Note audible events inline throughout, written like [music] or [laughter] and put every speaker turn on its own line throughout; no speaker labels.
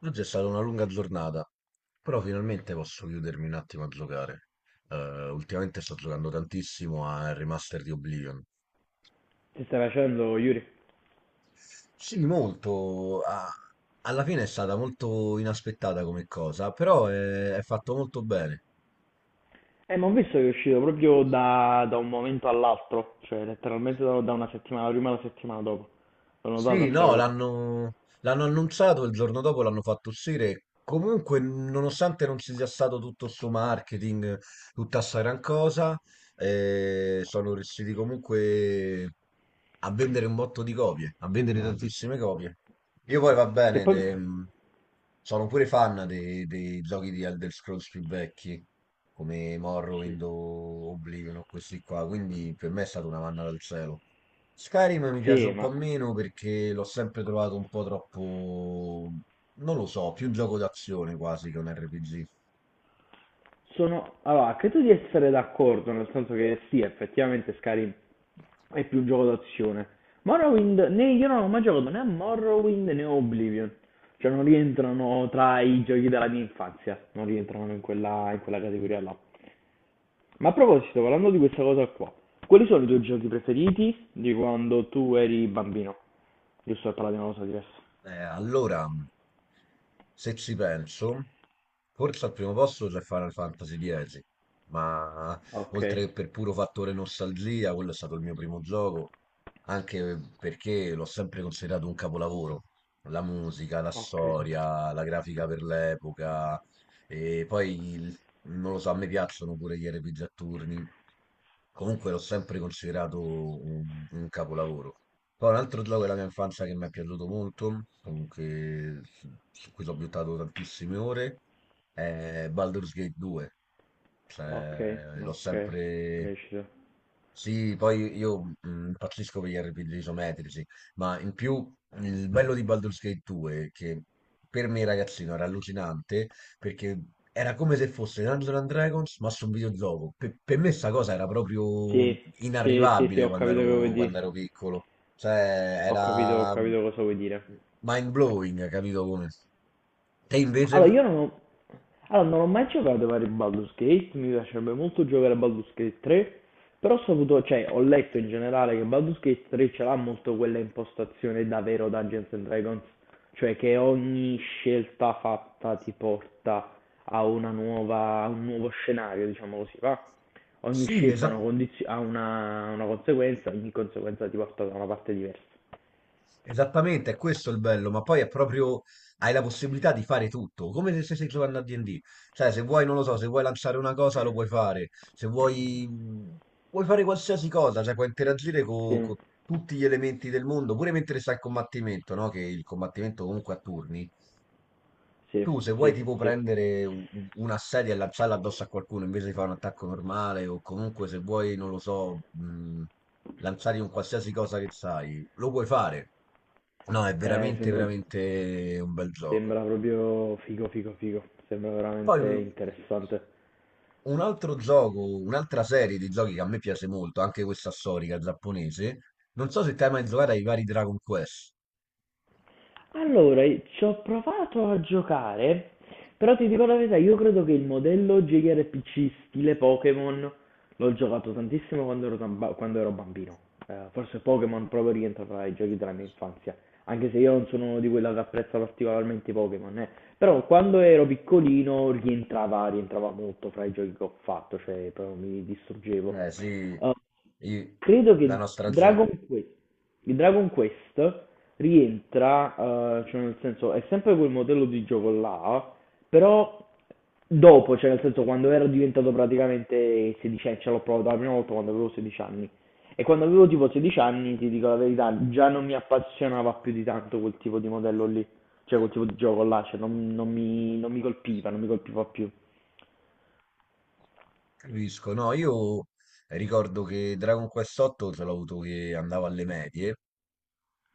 Oggi è stata una lunga giornata, però finalmente posso chiudermi un attimo a giocare. Eh, Ultimamente sto giocando tantissimo al remaster di Oblivion.
Che stai facendo, Yuri?
Sì, molto. Alla fine è stata molto inaspettata come cosa, però è fatto molto bene.
Ma ho visto che è uscito proprio da un momento all'altro, cioè letteralmente da una settimana prima alla settimana dopo. L'ho
Sì,
notata sta
no,
cosa.
l'hanno annunciato, il giorno dopo l'hanno fatto uscire. Comunque, nonostante non ci sia stato tutto sto marketing, tutta sta gran cosa, sono riusciti comunque a vendere un botto di copie, a vendere tantissime copie. Io poi va
Che
bene,
poi.
sono pure fan dei giochi di Elder Scrolls più vecchi, come
Sì.
Morrowind o Oblivion o questi qua, quindi per me è stata una manna dal cielo. Skyrim mi piace
Sì,
un po' meno perché l'ho sempre trovato un po' troppo, non lo so, più un gioco d'azione quasi che un RPG.
Allora, credo di essere d'accordo, nel senso che sì, effettivamente Skyrim è più un gioco d'azione. Morrowind, né, io non ho mai giocato né a Morrowind né a Oblivion. Cioè non rientrano tra i giochi della mia infanzia, non rientrano in quella categoria là. Ma a proposito, parlando di questa cosa qua, quali sono i tuoi giochi preferiti di quando tu eri bambino? Giusto per parlare di una cosa diversa.
Allora, se ci penso, forse al primo posto c'è Final Fantasy X, ma
Ok,
oltre che per puro fattore nostalgia, quello è stato il mio primo gioco, anche perché l'ho sempre considerato un capolavoro. La musica, la
ok,
storia, la grafica per l'epoca, e poi, non lo so, a me piacciono pure gli RPG a turni. Comunque l'ho sempre considerato un capolavoro. Poi un altro gioco della mia infanzia che mi è piaciuto molto, comunque su cui ci ho buttato tantissime ore, è Baldur's Gate 2.
ok,
Cioè, l'ho
ok,
sempre...
riuscito.
Sì, poi io impazzisco per gli RPG isometrici, ma in più il bello di Baldur's Gate 2, che per me ragazzino era allucinante, perché era come se fosse Dungeons and Dragons, ma su un videogioco. Per me sta cosa era proprio
Sì, sì, sì, sì,
inarrivabile
ho
quando
capito che
ero,
vuoi
quando
dire.
ero piccolo. Cioè,
Ho
era
capito cosa vuoi dire.
mind blowing, capito come? Te invece?
Allora, io non ho, Allora, non ho mai giocato ai vari Baldur's Gate, mi piacerebbe molto giocare a Baldur's Gate 3, però ho saputo, cioè, ho letto in generale che Baldur's Gate 3 ce l'ha molto quella impostazione davvero Dungeons and Dragons, cioè che ogni scelta fatta ti porta a una nuova, a un nuovo scenario, diciamo così, va? Ogni
Sì,
scelta
esatto.
ha una conseguenza, ogni conseguenza ti porta da una parte diversa.
Esattamente, è questo il bello, ma poi è proprio, hai la possibilità di fare tutto, come se stessi giocando a D&D, cioè se vuoi, non lo so, se vuoi lanciare una cosa lo puoi fare, se vuoi, puoi fare qualsiasi cosa, cioè puoi interagire con
Sì,
tutti gli elementi del mondo, pure mentre stai in combattimento, no? Che il combattimento comunque a turni,
sì,
tu se vuoi
sì,
tipo
sì.
prendere una sedia e lanciarla addosso a qualcuno invece di fare un attacco normale o comunque se vuoi, non lo so, lanciare un qualsiasi cosa che sai, lo puoi fare. No, è
Eh,
veramente,
sembra
veramente un bel gioco.
Sembra proprio figo, figo, figo. Sembra
Poi
veramente
mh,
interessante.
un altro gioco, un'altra serie di giochi che a me piace molto, anche questa storica giapponese, non so se te hai mai giocato ai vari Dragon Quest.
Allora, ci ho provato a giocare, però ti dico la verità, io credo che il modello JRPG stile Pokémon l'ho giocato tantissimo quando ero bambino. Forse Pokémon proprio rientra tra i giochi della mia infanzia, anche se io non sono uno di quelli che apprezza particolarmente i Pokémon, eh. Però quando ero piccolino rientrava molto fra i giochi che ho fatto, cioè proprio mi distruggevo.
Eh sì,
Eh,
i-
Credo
la
che
nostra... ge-
Dragon Quest, il Dragon Quest rientra, cioè nel senso è sempre quel modello di gioco là, però dopo, cioè nel senso quando ero diventato praticamente 16 anni, ce l'ho provato la prima volta quando avevo 16 anni. E quando avevo tipo 16 anni, ti dico la verità, già non mi appassionava più di tanto quel tipo di modello lì. Cioè quel tipo di gioco là, cioè, non mi, non mi colpiva, non mi colpiva più.
capisco, no, io ricordo che Dragon Quest 8 ce l'ho avuto che andavo alle medie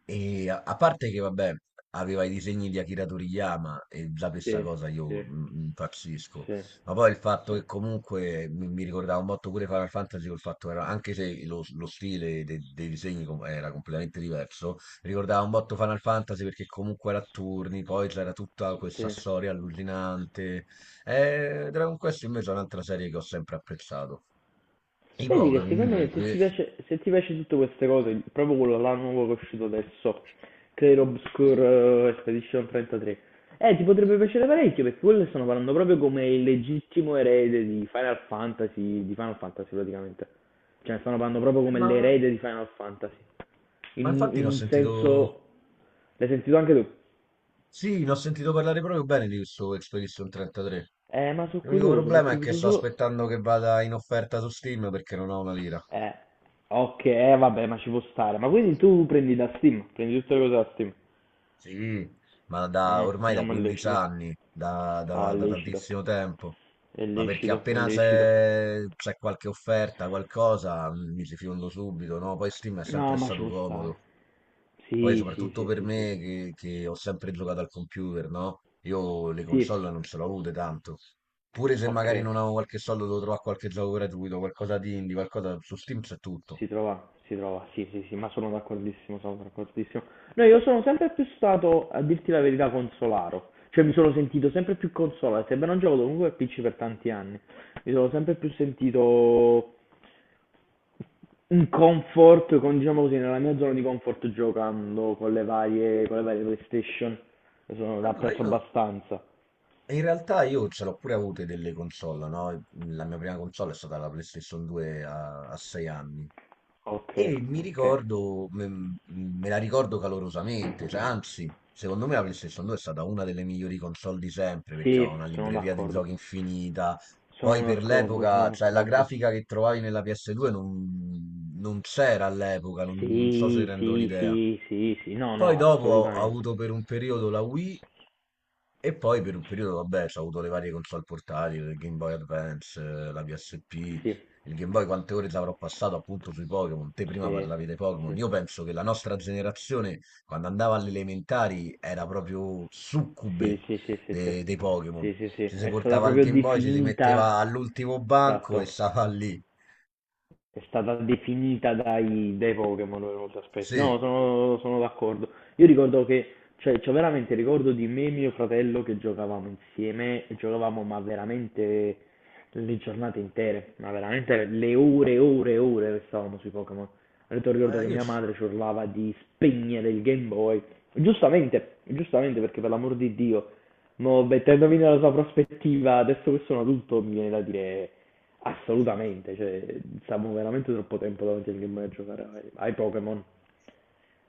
e a parte che vabbè aveva i disegni di Akira Toriyama e già questa
Sì,
cosa
sì,
io impazzisco,
sì,
ma poi il fatto
sì,
che comunque mi ricordava un botto pure Final Fantasy col fatto che era, anche se lo stile dei disegni era completamente diverso, ricordava un botto Final Fantasy perché comunque era a turni, poi c'era tutta questa
sì.
storia allucinante. Dragon Quest invece è un'altra serie che ho sempre apprezzato. I
Vedi che
poveri
secondo me se
invece,
ti piace, se ti piace tutte queste cose, proprio quello là nuovo che è uscito adesso, Clair Obscure, Expedition 33, ti potrebbe piacere parecchio perché quello stanno parlando proprio come il legittimo erede di Final Fantasy praticamente. Cioè stanno parlando proprio come
ma,
l'erede di Final Fantasy.
ma
In,
infatti ne ho
in un
sentito,
senso. L'hai sentito anche tu?
sì, ne ho sentito parlare proprio bene di questo Expedition 33.
Ma sono
L'unico
curioso
problema
perché
è
ho
che
visto
sto
solo.
aspettando che vada in offerta su Steam perché non ho una lira.
Eh, ok, vabbè, ma ci può stare. Ma quindi tu prendi da Steam, prendi tutte le cose da Steam.
Sì, ma da,
Mm,
ormai da
no, ma è
15
lecito.
anni,
Oh, è
da
lecito,
tantissimo tempo.
è
Ma perché
lecito, è
appena
lecito.
c'è qualche offerta, qualcosa, mi ci fiondo subito, no? Poi Steam è
No,
sempre
ma ci
stato
può stare.
comodo. Poi
Sì, sì,
soprattutto
sì,
per
sì, sì,
me
sì.
che ho sempre giocato al computer, no? Io le
Sì,
console non ce l'ho avute tanto. Pure se
ok,
magari non avevo qualche soldo, devo trovare qualche gioco gratuito, qualcosa di indie, qualcosa su Steam c'è tutto.
si trova, sì, sì, sì, ma sono d'accordissimo, sono d'accordissimo. No, io sono sempre più stato, a dirti la verità, consolaro. Cioè, mi sono sentito sempre più consolato, sebbene non gioco comunque al PC per tanti anni. Mi sono sempre più sentito un comfort, diciamo così, nella mia zona di comfort giocando con le varie PlayStation, sono, l'ha
Allora
preso
io,
abbastanza.
in realtà io ce l'ho pure avute delle console, no? La mia prima console è stata la PlayStation 2 a 6 anni.
Ok,
E mi
ok.
ricordo, me la ricordo calorosamente, cioè, anzi, secondo me la PlayStation 2 è stata una delle migliori console di sempre perché aveva
Sì,
una
sono
libreria di
d'accordo.
giochi infinita. Poi
Sono
per
d'accordo, sono
l'epoca, cioè la
d'accordo.
grafica che trovavi nella PS2 non c'era all'epoca, non so se
Sì,
rendo
sì,
l'idea.
sì, sì, sì, no,
Poi
no,
dopo ho
assolutamente.
avuto per un periodo la Wii e poi per un periodo, vabbè, ho avuto le varie console portatili, il Game Boy Advance, la PSP,
Sì,
il Game Boy, quante ore ci avrò passato appunto sui Pokémon. Te prima
sì,
parlavi dei Pokémon.
sì,
Io penso che la nostra generazione, quando andava alle elementari, era proprio
sì,
succube
sì, sì, sì, sì,
dei Pokémon.
sì, sì, sì.
Ci si
È stata
portava il
proprio
Game Boy, ci si metteva
definita,
all'ultimo banco e
Esatto,
stava lì.
è stata definita dai Pokémon per molti aspetti. No,
Sì,
sono d'accordo. Io ricordo che cioè, c'ho veramente il ricordo di me e mio fratello che giocavamo insieme, e giocavamo ma veramente le giornate intere, ma veramente le ore e ore e ore restavamo sui Pokémon. Addirittura ricordo
ma
che
io
mia
ci-
madre ci urlava di spegnere il Game Boy. Giustamente, giustamente perché per l'amor di Dio, mo mettendomi nella sua prospettiva, adesso che sono adulto mi viene da dire assolutamente, cioè, stiamo veramente troppo tempo davanti al Game Boy a giocare ai Pokémon.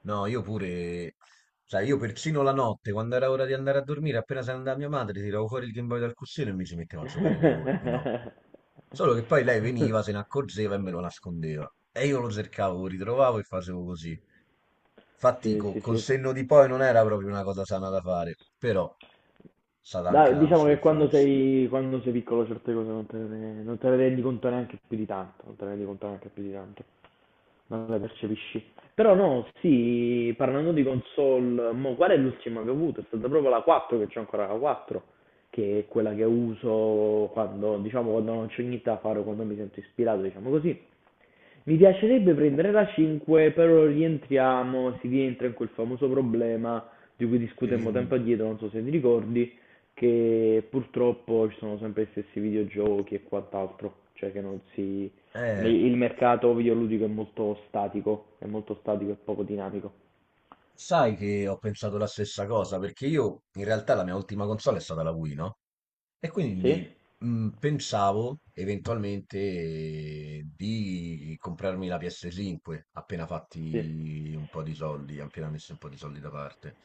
no, io pure, sai, io persino la notte, quando era ora di andare a dormire, appena se ne andava mia madre, tiravo fuori il Game Boy dal cuscino e mi ci mettevo a giocare le ore di notte.
[laughs]
Solo che poi lei veniva, se ne accorgeva e me lo nascondeva. E io lo cercavo, lo ritrovavo e facevo così. Infatti,
Sì, sì,
col
sì.
senno di poi non era proprio una cosa sana da fare, però è stata anche
Dai,
la
diciamo
nostra
che quando
infanzia.
sei, quando sei piccolo certe cose non te ne rendi conto neanche più di tanto, non te ne rendi conto neanche più di tanto, non le percepisci. Però no, sì, parlando di console, mo, qual è l'ultima che ho avuto? È stata proprio la 4, che c'ho ancora la 4, che è quella che uso quando, diciamo, quando non c'ho niente da fare o quando mi sento ispirato, diciamo così. Mi piacerebbe prendere la 5, però rientriamo, si rientra in quel famoso problema di cui
E lì-
discutemmo
mm,
tempo addietro, non so se ti ricordi, che purtroppo ci sono sempre gli stessi videogiochi e quant'altro, cioè che non si.
eh,
Il mercato videoludico è molto statico e poco dinamico.
Sai che ho pensato la stessa cosa, perché io in realtà la mia ultima console è stata la Wii, no? E
Sì?
quindi, pensavo eventualmente di comprarmi la PS5 appena
Sì,
fatti un po' di soldi, appena messi un po' di soldi da parte.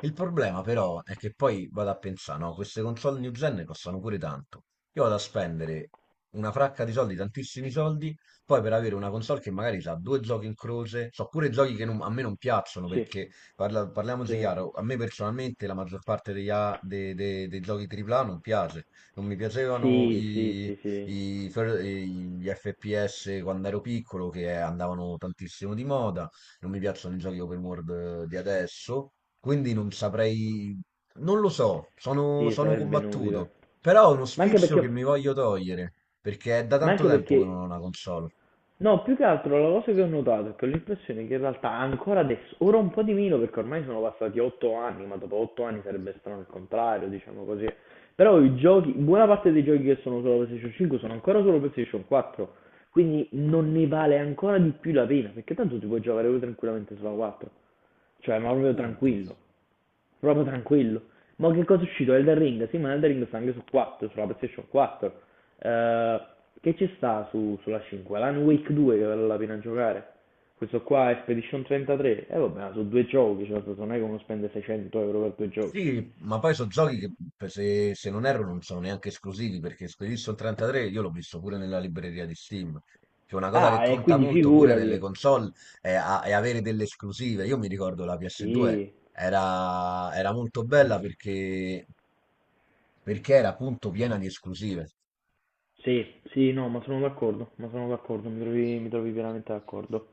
Il problema però è che poi vado a pensà, no, queste console new gen costano pure tanto. Io vado a spendere una fracca di soldi, tantissimi soldi, poi per avere una console che magari ha due giochi in croce, so pure giochi che a me non piacciono
sì,
perché parliamoci
sì,
chiaro, a me personalmente la maggior parte degli dei giochi AAA non piace. Non mi piacevano
sì, sì, sì, sì,
i fer- i- gli FPS quando ero piccolo che andavano tantissimo di moda, non mi piacciono i giochi open world di adesso, quindi non saprei, non lo so, sono,
sì,
sono
sarebbe inutile.
combattuto, però è uno
Ma anche
sfizio che
perché,
mi voglio togliere, perché è da
ma
tanto
anche
tempo che
perché
non ho una console,
No, più che altro la cosa che ho notato è che ho l'impressione che in realtà ancora adesso, ora un po' di meno perché ormai sono passati 8 anni, ma dopo 8 anni sarebbe strano il contrario, diciamo così. Però i giochi, buona parte dei giochi che sono solo PlayStation 5 sono ancora solo PlayStation 4, quindi non ne vale ancora di più la pena, perché tanto ti puoi giocare pure tranquillamente sulla 4, cioè ma proprio
punto.
tranquillo proprio tranquillo. Ma che cosa è uscito? Elden Ring? Sì, ma Elden Ring sta anche su 4, sulla PlayStation 4. Eh, che ci sta sulla 5? L'Han Wake 2 che vale la pena giocare. Questo qua è Expedition 33. E vabbè, ma sono due giochi, cioè, non è che uno spende 600 euro per due giochi.
Sì, ma poi sono giochi che se non erro non sono neanche esclusivi perché Expedition 33 io l'ho visto pure nella libreria di Steam. Cioè una cosa che
Ah, e
conta
quindi
molto pure nelle
figurati.
console è, è avere delle esclusive. Io mi ricordo la PS2
Sì,
era molto bella perché, era appunto piena di esclusive.
sì, sì, no, ma sono d'accordo, mi trovi veramente d'accordo.